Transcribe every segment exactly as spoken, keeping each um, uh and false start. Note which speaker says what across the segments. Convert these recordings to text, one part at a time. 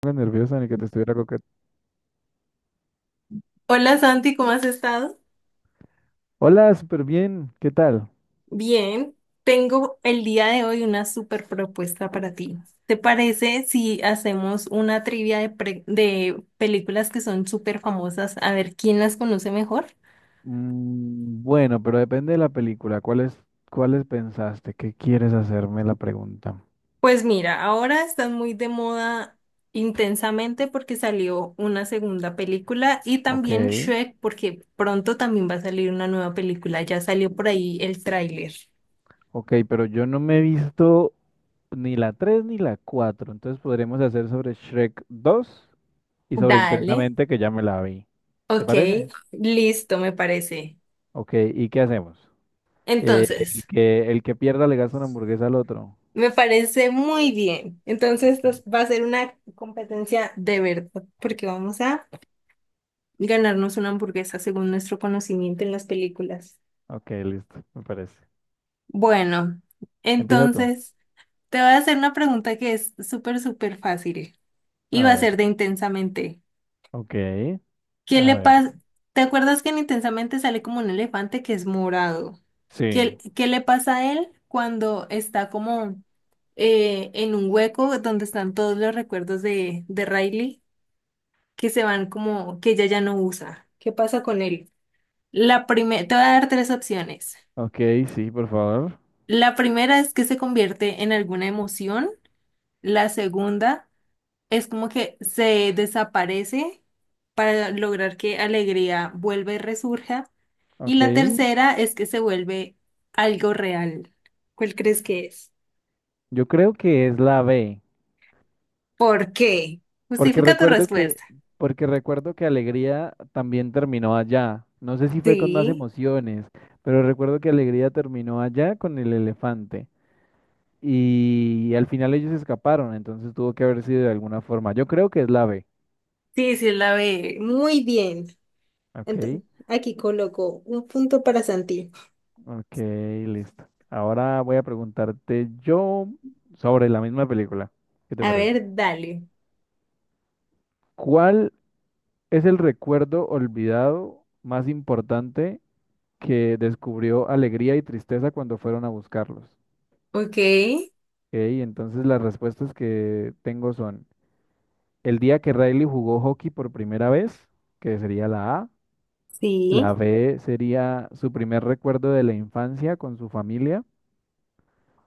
Speaker 1: Poco nerviosa ni que te estuviera coquet.
Speaker 2: Hola Santi, ¿cómo has estado?
Speaker 1: Hola, súper bien. ¿Qué tal?
Speaker 2: Bien, tengo el día de hoy una super propuesta para ti. ¿Te parece si hacemos una trivia de, pre- de películas que son súper famosas? A ver quién las conoce mejor.
Speaker 1: Mm, bueno, pero depende de la película. ¿Cuáles, cuáles pensaste? ¿Qué quieres hacerme la pregunta?
Speaker 2: Pues mira, ahora están muy de moda intensamente porque salió una segunda película y
Speaker 1: Ok,
Speaker 2: también Shrek porque pronto también va a salir una nueva película. Ya salió por ahí el tráiler.
Speaker 1: ok, pero yo no me he visto ni la tres ni la cuatro. Entonces podremos hacer sobre Shrek dos y sobre
Speaker 2: Dale,
Speaker 1: Intensamente, que ya me la vi. ¿Te
Speaker 2: ok,
Speaker 1: parece?
Speaker 2: listo, me parece.
Speaker 1: Ok, ¿y qué hacemos? Eh, el
Speaker 2: Entonces.
Speaker 1: que, el que pierda le gasta una hamburguesa al otro.
Speaker 2: Me parece muy bien. Entonces,
Speaker 1: Ok.
Speaker 2: esto va a ser una competencia de verdad, porque vamos a ganarnos una hamburguesa según nuestro conocimiento en las películas.
Speaker 1: Ok, listo, me parece.
Speaker 2: Bueno,
Speaker 1: Empieza tú.
Speaker 2: entonces te voy a hacer una pregunta que es súper, súper fácil y
Speaker 1: A
Speaker 2: va a
Speaker 1: ver.
Speaker 2: ser de Intensamente.
Speaker 1: Ok.
Speaker 2: ¿Qué
Speaker 1: A
Speaker 2: le
Speaker 1: ver.
Speaker 2: pasa? ¿Te acuerdas que en Intensamente sale como un elefante que es morado?
Speaker 1: Sí.
Speaker 2: ¿Qué, qué le pasa a él cuando está como eh, en un hueco donde están todos los recuerdos de, de Riley? Que se van como que ella ya no usa. ¿Qué pasa con él? La primera, te voy a dar tres opciones.
Speaker 1: Ok, sí, por favor.
Speaker 2: La primera es que se convierte en alguna emoción. La segunda es como que se desaparece para lograr que alegría vuelva y resurja. Y
Speaker 1: Ok.
Speaker 2: la tercera es que se vuelve algo real. ¿Cuál crees que es?
Speaker 1: Yo creo que es la B.
Speaker 2: ¿Por qué?
Speaker 1: Porque
Speaker 2: Justifica tu
Speaker 1: recuerdo que,
Speaker 2: respuesta.
Speaker 1: porque recuerdo que Alegría también terminó allá. No sé si fue con más
Speaker 2: Sí,
Speaker 1: emociones, pero recuerdo que Alegría terminó allá con el elefante. Y al final ellos escaparon, entonces tuvo que haber sido de alguna forma. Yo creo que es la B.
Speaker 2: sí, sí, la ve muy bien. Ento-
Speaker 1: Ok.
Speaker 2: Aquí coloco un punto para Santi.
Speaker 1: Ok, listo. Ahora voy a preguntarte yo sobre la misma película. ¿Qué te
Speaker 2: A
Speaker 1: parece?
Speaker 2: ver, dale.
Speaker 1: ¿Cuál? Es el recuerdo olvidado más importante que descubrió alegría y tristeza cuando fueron a buscarlos.
Speaker 2: Ok.
Speaker 1: Ey, entonces las respuestas que tengo son el día que Riley jugó hockey por primera vez, que sería la A, la
Speaker 2: Sí,
Speaker 1: B sería su primer recuerdo de la infancia con su familia,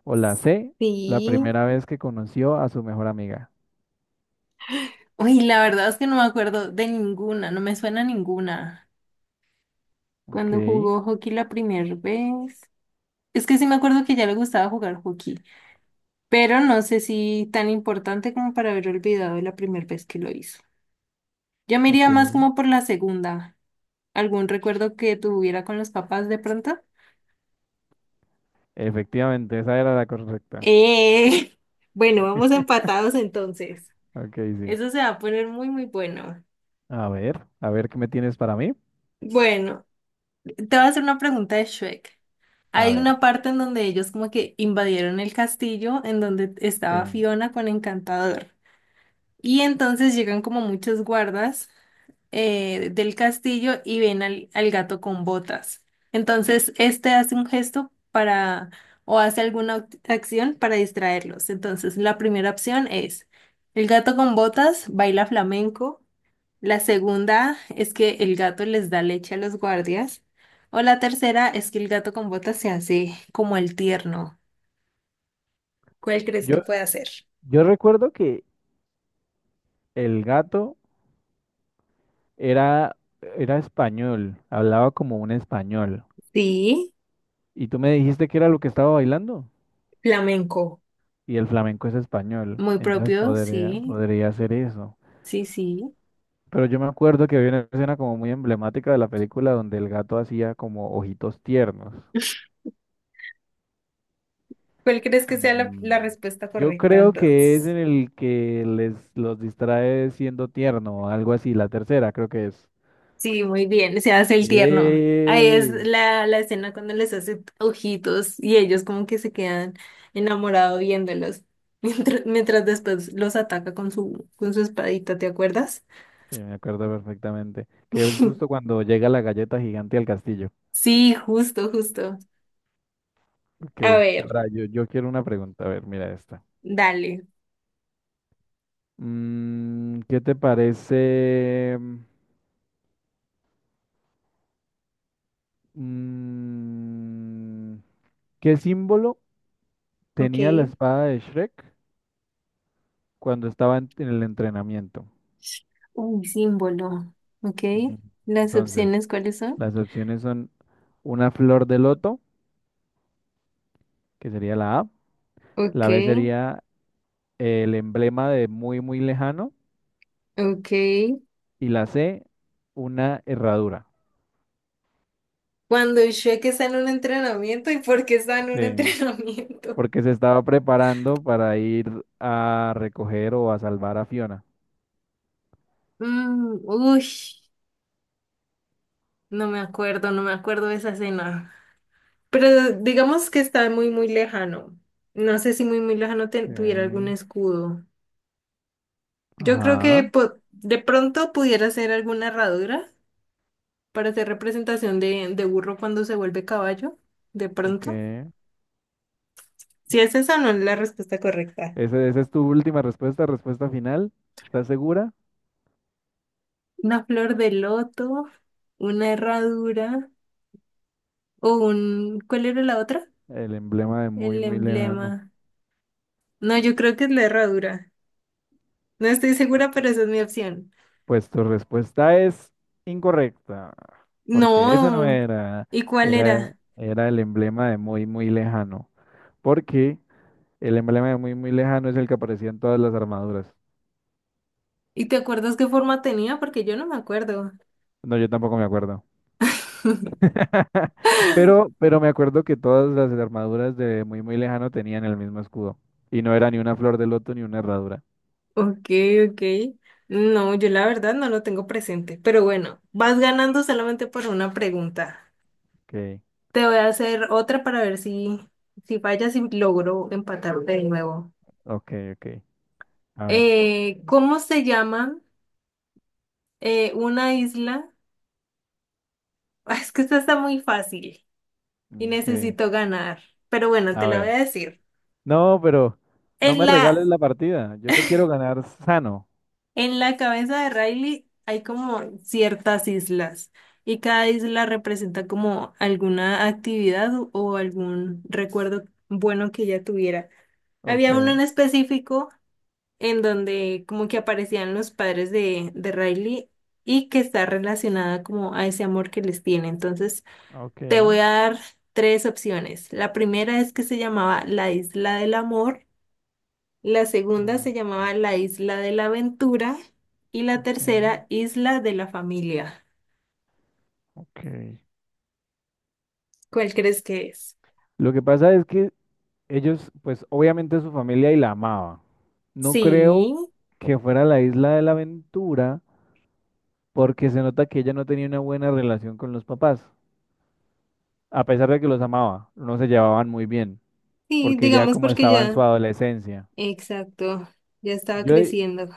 Speaker 1: o la C, la
Speaker 2: sí.
Speaker 1: primera vez que conoció a su mejor amiga.
Speaker 2: Uy, la verdad es que no me acuerdo de ninguna, no me suena ninguna.
Speaker 1: Ok,
Speaker 2: Cuando jugó hockey la primera vez. Es que sí me acuerdo que ya le gustaba jugar hockey, pero no sé si tan importante como para haber olvidado la primera vez que lo hizo. Yo me iría
Speaker 1: ok.
Speaker 2: más como por la segunda. ¿Algún recuerdo que tuviera con los papás de pronto?
Speaker 1: Efectivamente, esa era la correcta.
Speaker 2: Eh, bueno, vamos empatados entonces.
Speaker 1: Ok, sí.
Speaker 2: Eso se va a poner muy, muy bueno.
Speaker 1: A ver, a ver qué me tienes para mí.
Speaker 2: Bueno, te voy a hacer una pregunta de Shrek.
Speaker 1: A
Speaker 2: Hay
Speaker 1: ver.
Speaker 2: una parte en donde ellos como que invadieron el castillo en donde estaba
Speaker 1: Sí.
Speaker 2: Fiona con Encantador. Y entonces llegan como muchos guardas eh, del castillo y ven al, al gato con botas. Entonces, este hace un gesto para o hace alguna act- acción para distraerlos. Entonces, la primera opción es, el gato con botas baila flamenco, la segunda es que el gato les da leche a los guardias. O la tercera es que el gato con botas se hace como el tierno. ¿Cuál crees
Speaker 1: Yo,
Speaker 2: que puede hacer?
Speaker 1: yo recuerdo que el gato era, era español, hablaba como un español.
Speaker 2: Sí,
Speaker 1: Y tú me dijiste que era lo que estaba bailando.
Speaker 2: flamenco.
Speaker 1: Y el flamenco es español.
Speaker 2: Muy
Speaker 1: Entonces
Speaker 2: propio,
Speaker 1: podría,
Speaker 2: sí,
Speaker 1: podría ser eso.
Speaker 2: sí, sí.
Speaker 1: Pero yo me acuerdo que había una escena como muy emblemática de la película donde el gato hacía como ojitos tiernos.
Speaker 2: ¿Cuál crees que sea la, la
Speaker 1: Mm,
Speaker 2: respuesta
Speaker 1: Yo
Speaker 2: correcta
Speaker 1: creo que es
Speaker 2: entonces?
Speaker 1: en el que les los distrae siendo tierno o algo así, la tercera creo que es.
Speaker 2: Sí, muy bien, se hace el tierno. Ahí es
Speaker 1: ¡Eh!
Speaker 2: la, la escena cuando les hace ojitos y ellos como que se quedan enamorados viéndolos, mientras, mientras después los ataca con su, con su espadita, ¿te acuerdas?
Speaker 1: Sí, me acuerdo perfectamente. Que es justo cuando llega la galleta gigante al castillo.
Speaker 2: Sí, justo, justo.
Speaker 1: Ok.
Speaker 2: A ver,
Speaker 1: Ahora, yo, yo quiero una pregunta. A ver, mira esta.
Speaker 2: dale.
Speaker 1: Mm, ¿qué te parece? mm, ¿qué símbolo
Speaker 2: Ok.
Speaker 1: tenía la espada de Shrek cuando estaba en, en el entrenamiento?
Speaker 2: Un símbolo. Ok.
Speaker 1: Mm,
Speaker 2: ¿Las
Speaker 1: Entonces,
Speaker 2: opciones cuáles son?
Speaker 1: las opciones son una flor de loto, que sería la A.
Speaker 2: Ok,
Speaker 1: La B sería el emblema de muy, muy lejano.
Speaker 2: ok.
Speaker 1: Y la C, una herradura.
Speaker 2: Cuando Shrek está en un entrenamiento, ¿y por qué está en un
Speaker 1: Sí,
Speaker 2: entrenamiento?
Speaker 1: porque se estaba preparando para ir a recoger o a salvar a Fiona.
Speaker 2: Mm, uy, no me acuerdo, no me acuerdo de esa escena. Pero digamos que está muy, muy lejano. No sé si muy, muy lejano te- tuviera algún
Speaker 1: Ok.
Speaker 2: escudo. Yo creo que
Speaker 1: Ajá,
Speaker 2: po- de pronto pudiera ser alguna herradura, para hacer representación de, de burro cuando se vuelve caballo, de
Speaker 1: ok.
Speaker 2: pronto. Si es esa, no es la respuesta correcta.
Speaker 1: ¿Ese, esa es tu última respuesta, respuesta final? ¿Estás segura?
Speaker 2: Una flor de loto, una herradura o un... ¿Cuál era la otra?
Speaker 1: El emblema de muy,
Speaker 2: El
Speaker 1: muy lejano.
Speaker 2: emblema. No, yo creo que es la herradura. No estoy segura, pero esa es mi opción.
Speaker 1: Pues tu respuesta es incorrecta, porque esa no
Speaker 2: No.
Speaker 1: era,
Speaker 2: ¿Y cuál
Speaker 1: era,
Speaker 2: era?
Speaker 1: era el emblema de muy, muy lejano, porque el emblema de muy, muy lejano es el que aparecía en todas las armaduras.
Speaker 2: ¿Y te acuerdas qué forma tenía? Porque yo no me acuerdo.
Speaker 1: No, yo tampoco me acuerdo. Pero, pero me acuerdo que todas las armaduras de muy muy lejano tenían el mismo escudo. Y no era ni una flor de loto ni una herradura.
Speaker 2: Ok, ok. No, yo la verdad no lo tengo presente, pero bueno, vas ganando solamente por una pregunta.
Speaker 1: Ok,
Speaker 2: Te voy a hacer otra para ver si, si fallas y logro empatarte de nuevo.
Speaker 1: ok, ok. A ver.
Speaker 2: Eh, ¿cómo se llama eh, una isla? Es que esta está muy fácil y
Speaker 1: Ok.
Speaker 2: necesito ganar, pero bueno,
Speaker 1: A
Speaker 2: te la voy
Speaker 1: ver.
Speaker 2: a decir.
Speaker 1: No, pero no me
Speaker 2: En la
Speaker 1: regales la partida. Yo te quiero ganar sano.
Speaker 2: En la cabeza de Riley hay como ciertas islas y cada isla representa como alguna actividad o o algún recuerdo bueno que ella tuviera.
Speaker 1: Ok,
Speaker 2: Había uno en específico en donde como que aparecían los padres de, de Riley y que está relacionada como a ese amor que les tiene. Entonces
Speaker 1: ok.
Speaker 2: te voy a dar tres opciones. La primera es que se llamaba la Isla del Amor. La segunda
Speaker 1: mm,
Speaker 2: se llamaba la Isla de la Aventura y la
Speaker 1: ok,
Speaker 2: tercera Isla de la Familia.
Speaker 1: ok.
Speaker 2: ¿Cuál crees que es?
Speaker 1: Lo que pasa es que ellos, pues obviamente su familia y la amaba. No creo
Speaker 2: Sí,
Speaker 1: que fuera la isla de la aventura, porque se nota que ella no tenía una buena relación con los papás, a pesar de que los amaba, no se llevaban muy bien,
Speaker 2: sí,
Speaker 1: porque ya
Speaker 2: digamos
Speaker 1: como
Speaker 2: porque
Speaker 1: estaba en su
Speaker 2: ya.
Speaker 1: adolescencia.
Speaker 2: Exacto, ya estaba
Speaker 1: Yo,
Speaker 2: creciendo.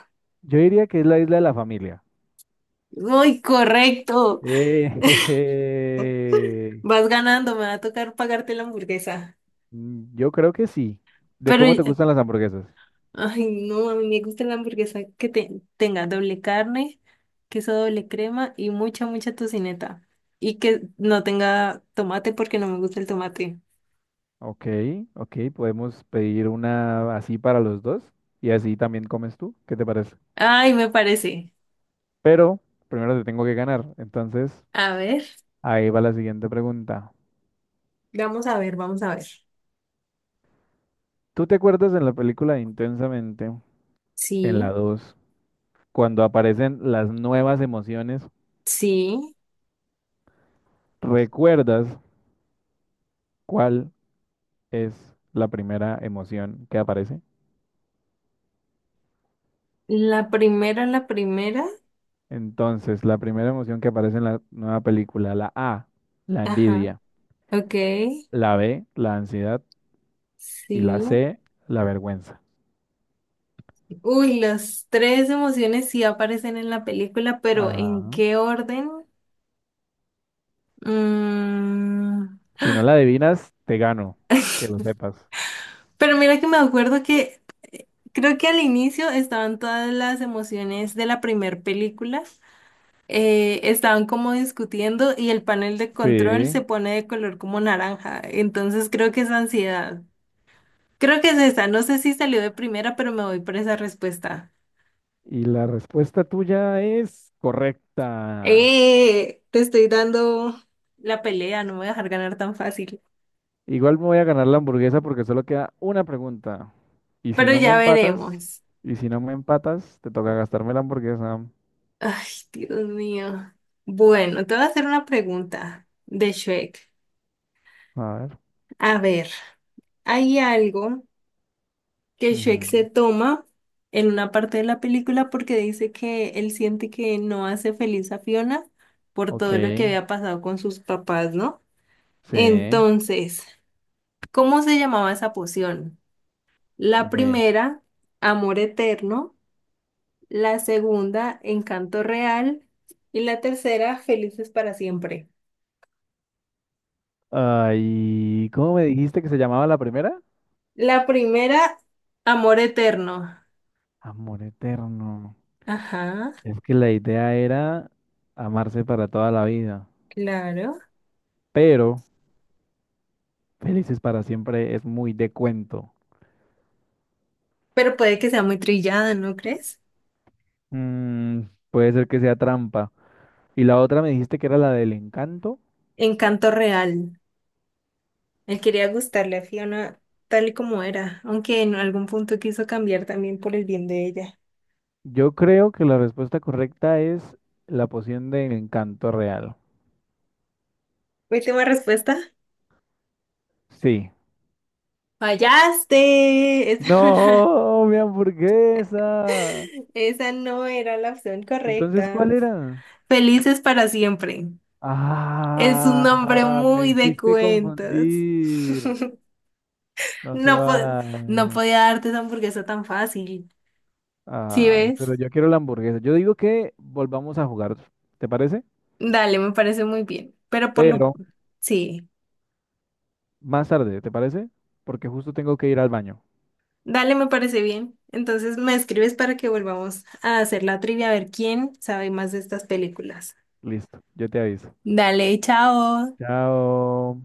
Speaker 1: yo diría que es la isla de la familia.
Speaker 2: ¡Uy, correcto!
Speaker 1: Eh,
Speaker 2: Vas ganando, me va a tocar pagarte la hamburguesa.
Speaker 1: yo creo que sí. ¿De
Speaker 2: Pero
Speaker 1: cómo te gustan las hamburguesas?
Speaker 2: ay, no, a mí me gusta la hamburguesa que te- tenga doble carne, queso doble crema y mucha, mucha tocineta. Y que no tenga tomate porque no me gusta el tomate.
Speaker 1: Ok, ok, podemos pedir una así para los dos y así también comes tú, ¿qué te parece?
Speaker 2: Ay, me parece.
Speaker 1: Pero primero te tengo que ganar, entonces
Speaker 2: A ver,
Speaker 1: ahí va la siguiente pregunta.
Speaker 2: vamos a ver, vamos a ver.
Speaker 1: ¿Tú te acuerdas en la película de Intensamente? En la
Speaker 2: Sí,
Speaker 1: dos, cuando aparecen las nuevas emociones,
Speaker 2: sí.
Speaker 1: ¿recuerdas cuál es la primera emoción que aparece?
Speaker 2: La primera, la primera.
Speaker 1: Entonces, la primera emoción que aparece en la nueva película, la A, la
Speaker 2: Ajá,
Speaker 1: envidia,
Speaker 2: ok,
Speaker 1: la B, la ansiedad y la
Speaker 2: sí.
Speaker 1: C, la vergüenza.
Speaker 2: Uy, las tres emociones sí aparecen en la película, pero ¿en
Speaker 1: Ajá.
Speaker 2: qué orden? Mm,
Speaker 1: Si no la adivinas, te gano, que lo sepas.
Speaker 2: pero mira que me acuerdo que eh, creo que al inicio estaban todas las emociones de la primer película, eh, estaban como discutiendo y el panel de control
Speaker 1: Sí.
Speaker 2: se pone de color como naranja, entonces creo que es ansiedad. Creo que es esa, no sé si salió de primera, pero me voy por esa respuesta.
Speaker 1: Y la respuesta tuya es correcta.
Speaker 2: Eh, te estoy dando la pelea, no me voy a dejar ganar tan fácil,
Speaker 1: Igual me voy a ganar la hamburguesa porque solo queda una pregunta. Y si
Speaker 2: pero
Speaker 1: no me
Speaker 2: ya
Speaker 1: empatas,
Speaker 2: veremos.
Speaker 1: y si no me empatas, te toca gastarme la hamburguesa.
Speaker 2: Ay, Dios mío. Bueno, te voy a hacer una pregunta de Shrek.
Speaker 1: A ver.
Speaker 2: A ver. Hay algo que Shrek se
Speaker 1: Ujú.
Speaker 2: toma en una parte de la película porque dice que él siente que no hace feliz a Fiona por
Speaker 1: Ok,
Speaker 2: todo lo que había pasado con sus papás, ¿no?
Speaker 1: sí,
Speaker 2: Entonces, ¿cómo se llamaba esa poción? La
Speaker 1: ok.
Speaker 2: primera, amor eterno, la segunda, encanto real y la tercera, felices para siempre.
Speaker 1: Ay, ¿cómo me dijiste que se llamaba la primera?
Speaker 2: La primera, amor eterno.
Speaker 1: Amor eterno.
Speaker 2: Ajá,
Speaker 1: Es que la idea era amarse para toda la vida,
Speaker 2: claro.
Speaker 1: pero felices para siempre es muy de cuento.
Speaker 2: Pero puede que sea muy trillada, ¿no crees?
Speaker 1: Mm, puede ser que sea trampa. ¿Y la otra me dijiste que era la del encanto?
Speaker 2: Encanto real. Él quería gustarle a Fiona tal y como era, aunque en algún punto quiso cambiar también por el bien de ella.
Speaker 1: Yo creo que la respuesta correcta es la poción del encanto real.
Speaker 2: Última respuesta.
Speaker 1: Sí.
Speaker 2: Fallaste. Esa
Speaker 1: No,
Speaker 2: no era,
Speaker 1: mi hamburguesa.
Speaker 2: esa no era la opción
Speaker 1: Entonces, ¿cuál
Speaker 2: correcta.
Speaker 1: era?
Speaker 2: Felices para siempre. Es un nombre
Speaker 1: Ah, me
Speaker 2: muy de
Speaker 1: hiciste
Speaker 2: cuentos.
Speaker 1: confundir. No se
Speaker 2: No, po- no
Speaker 1: vale.
Speaker 2: podía darte esa hamburguesa tan fácil. ¿Sí
Speaker 1: Ay,
Speaker 2: ves?
Speaker 1: pero yo quiero la hamburguesa. Yo digo que volvamos a jugar, ¿te parece?
Speaker 2: Dale, me parece muy bien. Pero por lo...
Speaker 1: Pero
Speaker 2: Sí.
Speaker 1: más tarde, ¿te parece? Porque justo tengo que ir al baño.
Speaker 2: Dale, me parece bien. Entonces me escribes para que volvamos a hacer la trivia, a ver quién sabe más de estas películas.
Speaker 1: Listo, yo te aviso.
Speaker 2: Dale, chao.
Speaker 1: Chao.